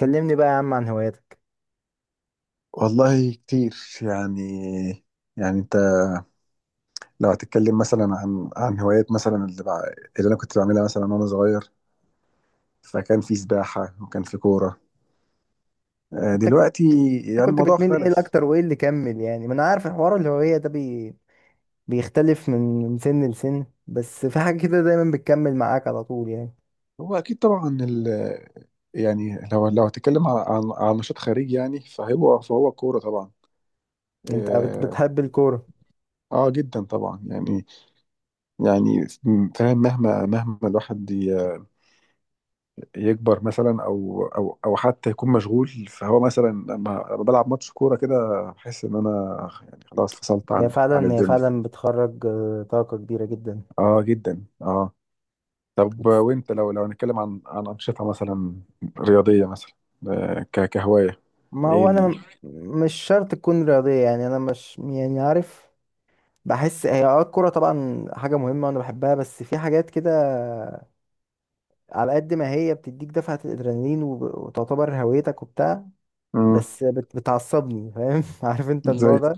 كلمني بقى يا عم عن هواياتك. والله كتير. يعني يعني، انت لو هتتكلم مثلا عن هوايات مثلا، اللي انا كنت بعملها مثلا وانا صغير، فكان في سباحة وكان في كورة. دلوقتي يعني كنت الموضوع بتميل ايه اختلف. الاكتر وايه اللي كمل؟ يعني ما انا عارف الحوار الهوية ده بيختلف من سن لسن، بس في حاجة كده دايما بتكمل معاك على طول يعني. هو اكيد طبعا يعني لو هتتكلم عن نشاط خارجي، يعني فهو كورة طبعا. انت اه. بتحب الكورة؟ آه، جدا طبعا، يعني، يعني فاهم، مهما الواحد يكبر مثلا او حتى يكون مشغول، فهو مثلا لما بلعب ماتش كوره كده بحس ان انا، يعني، خلاص فصلت هي عن فعلا هي الدنيا. فعلا بتخرج طاقة كبيرة جدا. اه، جدا، اه. طب، وانت لو هنتكلم عن انشطه مثلا رياضيه مثلا، كهوايه؟ ما ايه هو انا مش شرط تكون رياضية، يعني انا مش يعني عارف. بحس هي الكورة طبعا حاجة مهمة وانا بحبها، بس في حاجات كده على قد ما هي بتديك دفعة الادرينالين وتعتبر هويتك وبتاع. مم. بس بتعصبني، فاهم عارف انت زي النوع ده.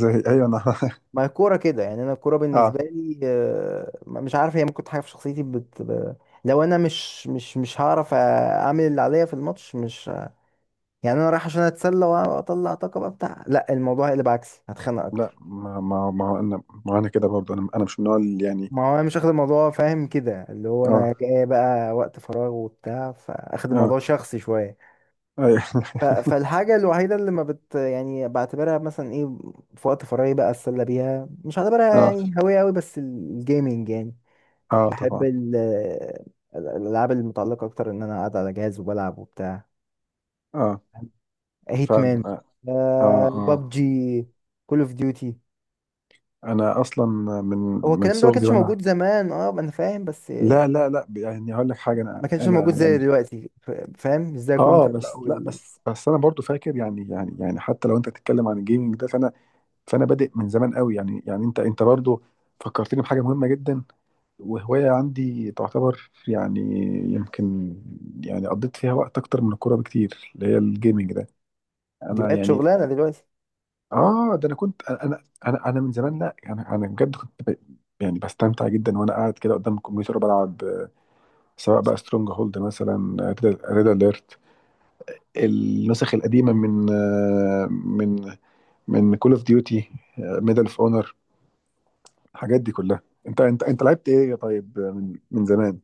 زي، ايوه، انا ما هي الكوره كده، يعني انا الكوره اه. بالنسبه لي مش عارف، هي ممكن حاجه في شخصيتي لو انا مش هعرف اعمل اللي عليا في الماتش، مش يعني انا رايح عشان اتسلى واطلع طاقه بقى بتاع، لا الموضوع هيقلب عكسي هتخانق لا، اكتر. ما هو انا، ما انا كده برضه، انا مش من النوع اللي يعني. ما هو انا مش اخد الموضوع فاهم كده، اللي هو انا اه، جاي بقى وقت فراغ وبتاع فاخد اه، الموضوع شخصي شويه. ايوه فالحاجة الوحيدة اللي ما يعني بعتبرها مثلا ايه في وقت فراغي بقى اتسلى بيها، مش هعتبرها اه، يعني هواية قوي بس الجيمنج يعني. اه، بحب طبعا. الألعاب المتعلقة أكتر إن أنا قاعد على جهاز وبلعب وبتاع. اه. فعلا. هيتمان، اه، اه، آه. بابجي، كول اوف ديوتي. انا اصلا من هو الكلام ده ما صغري، كانش وانا. موجود زمان، ما انا فاهم، بس لا، لا، لا، يعني هقول لك حاجه. انا ما كانش انا موجود زي يعني. دلوقتي فاهم ازاي كنت اه، بقى بس لا، بس انا برضو فاكر، يعني، حتى لو انت تتكلم عن الجيمنج ده، فانا بادئ من زمان قوي. يعني، انت برضو فكرتني بحاجه مهمه جدا، وهوايه عندي تعتبر، يعني، يمكن، يعني، قضيت فيها وقت اكتر من الكوره بكتير، اللي هي الجيمنج ده. دي انا بقت يعني. شغلانة دلوقتي. اه، ده انا كنت، انا من زمان، لا، انا بجد كنت يعني بستمتع جدا وانا قاعد كده قدام الكمبيوتر بلعب، سواء بقى سترونج هولد مثلا، ريد اليرت، النسخ القديمه من من كول اوف ديوتي، ميدل اوف اونر، الحاجات دي كلها. انت لعبت ايه يا طيب من زمان،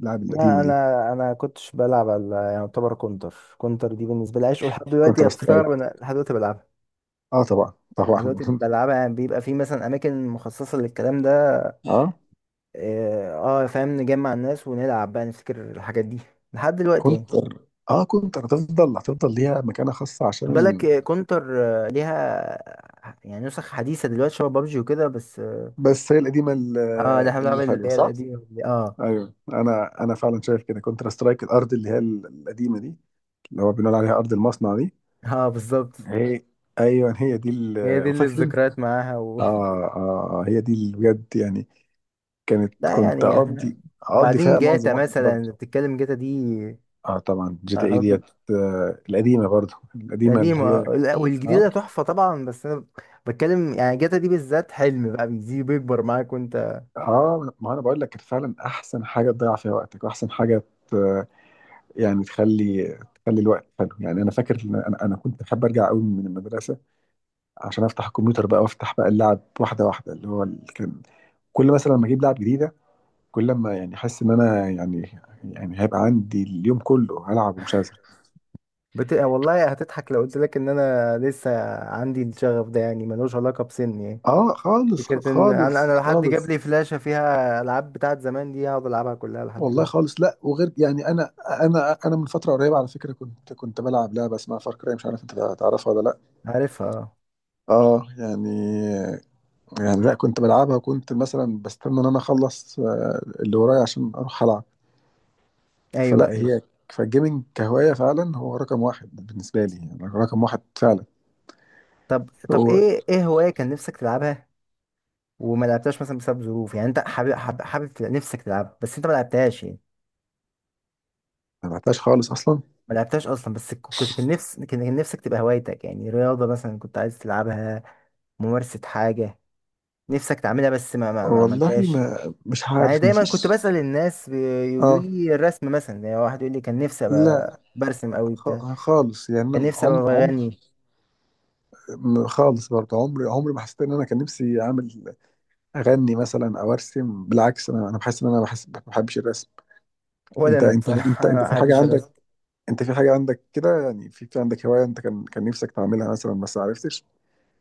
اللعب ما القديمه انا دي؟ انا كنتش بلعب على، يعني يعتبر كونتر، كونتر دي بالنسبه لي عشق لحد دلوقتي، كونتر سترايك. هتستغرب انا لحد دلوقتي بلعبها. اه، طبعا، لحد طبعا دلوقتي بلعبها، يعني بيبقى في مثلا اماكن مخصصه للكلام ده. اه اه آه، فاهم نجمع الناس ونلعب بقى نفتكر الحاجات دي لحد دلوقتي يعني. كونتر اه، كونتر، هتفضل ليها مكانه خاصه عشان خد بالك كونتر ليها يعني نسخ حديثه دلوقتي شبه بابجي وكده، بس اه بس هي القديمه، آه، ده احنا بنلعب اللي اللي حلوه، هي صح؟ القديمه دي. اه. ايوه، انا فعلا شايف كده. كونتر سترايك، الارض اللي هي القديمه دي، اللي هو بنقول عليها ارض المصنع دي. اه بالظبط. هي ايوه، هي دي هي دي اللي فاكر انت؟ الذكريات معاها اه، اه، آه، هي دي اللي بجد يعني. لا كنت يعني احنا اقضي وبعدين فيها معظم جاتا وقت فراغي. مثلا بتتكلم، جاتا دي اه طبعا، جي تي اي خلاص. ديت. القديمه، برضو القديمه اللي قديمة هي. لا، اه، والجديدة تحفة طبعا، بس أنا بتكلم يعني جاتا دي بالذات حلم بقى بيزيد بيكبر معاك وأنت اه، ما انا بقول لك كانت فعلا احسن حاجه تضيع فيها وقتك، واحسن حاجه ت- يعني تخلي الوقت حلو. يعني انا فاكر إن انا كنت بحب ارجع قوي من المدرسه عشان افتح الكمبيوتر بقى وافتح بقى اللعب واحده واحده، اللي هو كان، كل مثلا لما اجيب لعب جديده، كل لما يعني احس ان انا، يعني، هيبقى عندي اليوم كله هلعب ومش هزهق. والله هتضحك لو قلت لك إن أنا لسه عندي الشغف ده يعني، ملوش علاقة بسني يعني. اه، خالص، فكرة إن خالص، أنا لو حد خالص. جاب لي فلاشة فيها ألعاب بتاعت زمان دي هقعد ألعبها كلها لحد والله دلوقتي. خالص، لا، وغير، يعني انا من فتره قريبه على فكره كنت بلعب لعبه اسمها فار كراي، مش عارف انت تعرفها ولا لا. عارفها أه. اه، يعني، لا، كنت بلعبها وكنت مثلا بستنى ان انا اخلص اللي ورايا عشان اروح العب. أيوه فلا أيوه. هي فالجيمنج كهوايه فعلا هو رقم واحد بالنسبه لي، يعني رقم واحد فعلا. طب هو إيه هواية كان نفسك تلعبها وما لعبتهاش مثلا بسبب ظروف يعني، أنت حابب نفسك تلعبها بس أنت ما لعبتهاش يعني؟ ما بعتهاش خالص اصلا. ما لعبتهاش اصلا، بس كنت كان نفس كان كان نفسك تبقى هوايتك يعني، رياضه مثلا كنت عايز تلعبها، ممارسه حاجه نفسك تعملها بس ما والله، عملتهاش. ما مش يعني عارف، ما دايما كنت فيش. بسأل الناس بيقولوا اه، لي الرسم مثلا، يعني واحد يقول لي كان نفسي لا، ابقى برسم قوي بتاع، خالص. يعني كان انا نفسي ابقى عمري، بغني. خالص برضه عمري ما حسيت ان انا كان نفسي اعمل، اغني مثلا او ارسم. بالعكس، انا بحس ان انا بحس ما بحبش الرسم. ولا انا بصراحه انت ما في حاجه بحبش عندك، الرسم. انت في حاجه عندك كده، يعني في عندك هوايه انت كان نفسك تعملها مثلا بس ما عرفتش؟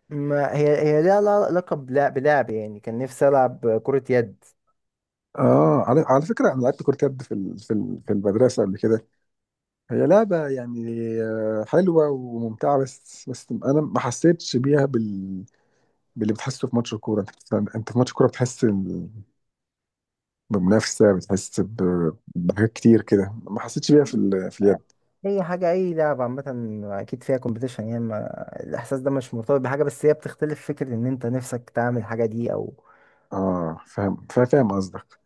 ما هي ليها علاقه بلعب يعني كان نفسي العب كره يد، اه، على فكره، انا لعبت كره يد في في المدرسه قبل كده. هي لعبه، يعني، حلوه وممتعه، بس انا ما حسيتش بيها باللي بتحسه في ماتش الكورة. انت انت في ماتش الكورة بتحس بمنافسة، بتحس بحاجات كتير كده، ما حسيتش بيها في في اليد. اي حاجه اي لعبه عامه اكيد فيها كومبيتيشن، يعني ما الاحساس ده مش مرتبط بحاجه بس هي بتختلف، فكره ان انت نفسك تعمل الحاجه دي او. اه فاهم، فاهم قصدك.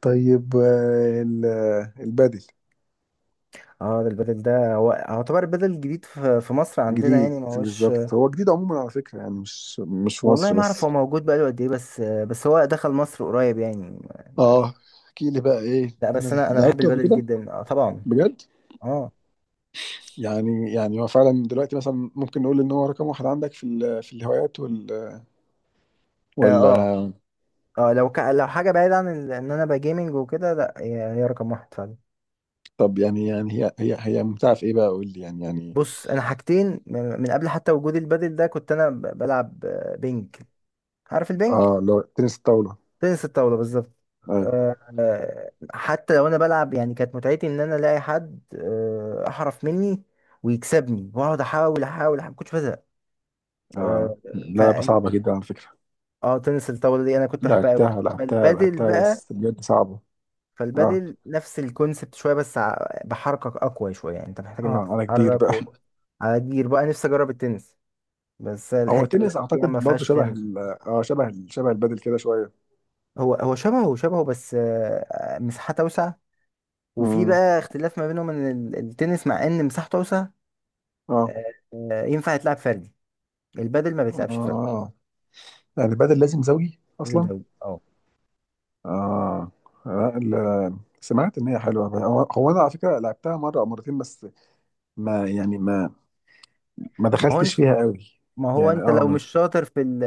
طيب، البادل. اه ده البدل ده هو يعتبر البدل الجديد في مصر عندنا جديد يعني ما هوش. بالظبط، هو جديد عموما على فكرة، يعني مش في والله مصر ما اعرف بس. هو موجود بقاله قد ايه، بس هو دخل مصر قريب يعني. اه. احكي لي بقى، ايه، لا بس انا بحب لعبته قبل البدل كده جدا طبعا. بجد؟ اه يعني هو فعلا دلوقتي مثلا ممكن نقول ان هو رقم واحد عندك في في الهوايات اه اه ولا؟ لو حاجه بعيده عن ان انا بجيمنج وكده، لا هي رقم واحد فعلا. طب، يعني هي ممتعة في ايه بقى، قول لي، يعني بص انا حاجتين من قبل حتى وجود البادل ده، كنت انا بلعب بينج. عارف البينج؟ اه، لو تنس الطاولة؟ تنس الطاوله بالظبط. ايوه. آه، آه، حتى لو انا بلعب يعني كانت متعتي ان انا الاقي حد احرف مني ويكسبني واقعد احاول احاول أحاول، ما كنتش بزهق. اه، آه، ف لعبة صعبة جدا على فكرة. اه تنس الطاوله دي انا كنت بحبها قوي. لعبتها، لعبتها، فالبادل لعبتها، بقى، بس بجد صعبة. اه، فالبادل نفس الكونسبت شويه بس بحركك اقوى شويه، يعني انت محتاج انك اه، انا كبير تتحرك بقى على جير بقى، نفسي اجرب التنس بس هو الحتة اللي التنس انا فيها ما اعتقد برضو فيهاش شبه تنس. ال اه شبه ال شبه البادل كده شوية. هو شبهه شبهه بس مساحات اوسع، وفي امم. بقى اختلاف ما بينهم ان التنس مع ان مساحته اوسع اه، ينفع يتلعب فردي، البادل ما بيتلعبش فردي، اه، يعني البادل لازم زوجي لازم اصلا. زوجي اه. اه، سمعت ان هي حلوه بقى. هو انا على فكره لعبتها مره او مرتين، بس ما يعني ما ما هو دخلتش انت فيها قوي. ما هو يعني، انت اه، لو ما، مش شاطر في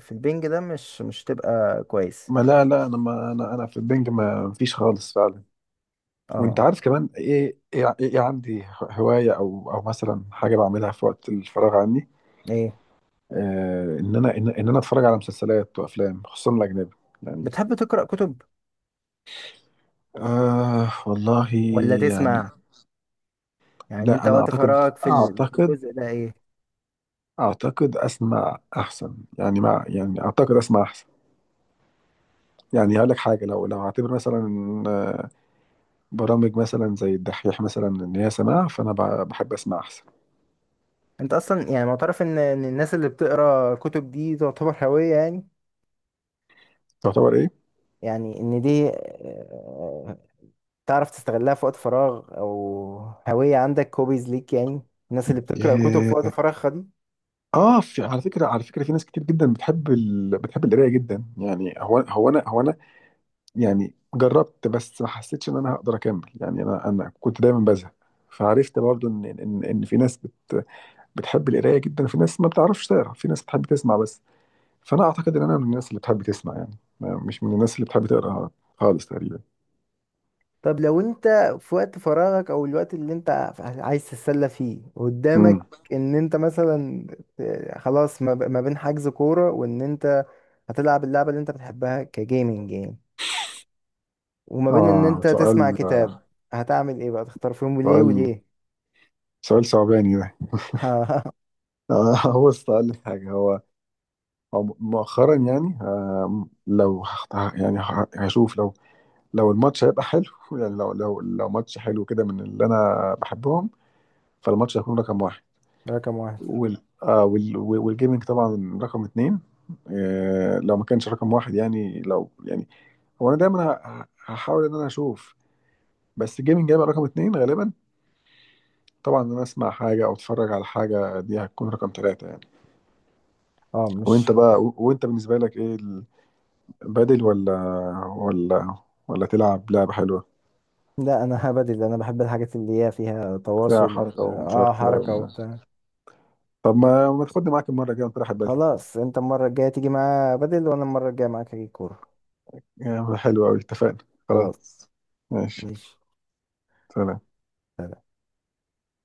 في البنج ده مش تبقى كويس. لا، لا، انا ما انا في البنج ما فيش خالص فعلا. وانت اه عارف كمان، إيه عندي هوايه او مثلا حاجه بعملها في وقت الفراغ عني. ايه. ان انا اتفرج على مسلسلات وافلام، خصوصا الاجنبي، يعني. بتحب تقرأ كتب والله، ولا يعني، تسمع؟ يعني لا، انت انا وقت فراغك في اعتقد الجزء ده ايه؟ اعتقد اسمع احسن، يعني مع، يعني اعتقد اسمع احسن. يعني هقول لك حاجه، لو هعتبر مثلا برامج مثلا زي الدحيح مثلا ان هي سماع، فانا بحب اسمع احسن. انت اصلا يعني معترف ان الناس اللي بتقرأ كتب دي تعتبر هوية، يعني تعتبر ايه؟ يعني ان دي تعرف تستغلها في وقت فراغ، او هوية عندك هوبيز ليك، يعني الناس اللي بتقرأ كتب في إيه. وقت فراغها دي؟ اه، في على فكره، في ناس كتير جدا بتحب بتحب القرايه جدا، يعني هو انا، يعني جربت، بس ما حسيتش ان انا هقدر اكمل. يعني انا كنت دايما بزهق. فعرفت برضو ان في ناس بتحب القرايه جدا، وفي ناس ما بتعرفش تقرا، في ناس بتحب تسمع بس. فانا اعتقد ان انا من الناس اللي بتحب تسمع، يعني مش من الناس اللي بتحب تقرا خالص تقريبا. طب لو انت في وقت فراغك او الوقت اللي انت عايز تتسلى فيه امم. قدامك، ان انت مثلا خلاص، ما بين حجز كورة وان انت هتلعب اللعبة اللي انت بتحبها كجيمنج يعني، وما بين ان اه، انت سؤال، تسمع كتاب، هتعمل ايه بقى، تختار فيهم وليه سؤال، وليه؟ سؤال صعباني ده، هو السؤال حاجه، هو هو مؤخرا يعني، يعني هشوف، لو الماتش هيبقى حلو يعني لو ماتش حلو كده من اللي انا بحبهم، فالماتش هيكون رقم واحد. رقم واحد. والجيمنج طبعا رقم اتنين. لو ما كانش رقم واحد، يعني لو، يعني، هو انا دايما هحاول ان انا اشوف، بس الجيمنج هيبقى رقم اتنين غالبا. طبعا ان انا اسمع حاجه او اتفرج على حاجه، دي هتكون رقم ثلاثه يعني. اه وانت مش بقى، وانت بالنسبه لك ايه؟ بدل ولا ولا تلعب لعبة حلوة لا انا هبدل، انا بحب الحاجات اللي هي فيها فيها تواصل، حركة ومشاركة؟ حركة وبتاع. طب، ما تاخدني معاك المرة الجاية ونروح بدل. خلاص انت المرة الجاية تيجي معايا بدل، وانا المرة الجاية معاك هجيب كورة. يا عم، حلو أوي، اتفقنا. خلاص. خلاص. ماشي. ماشي. سلام.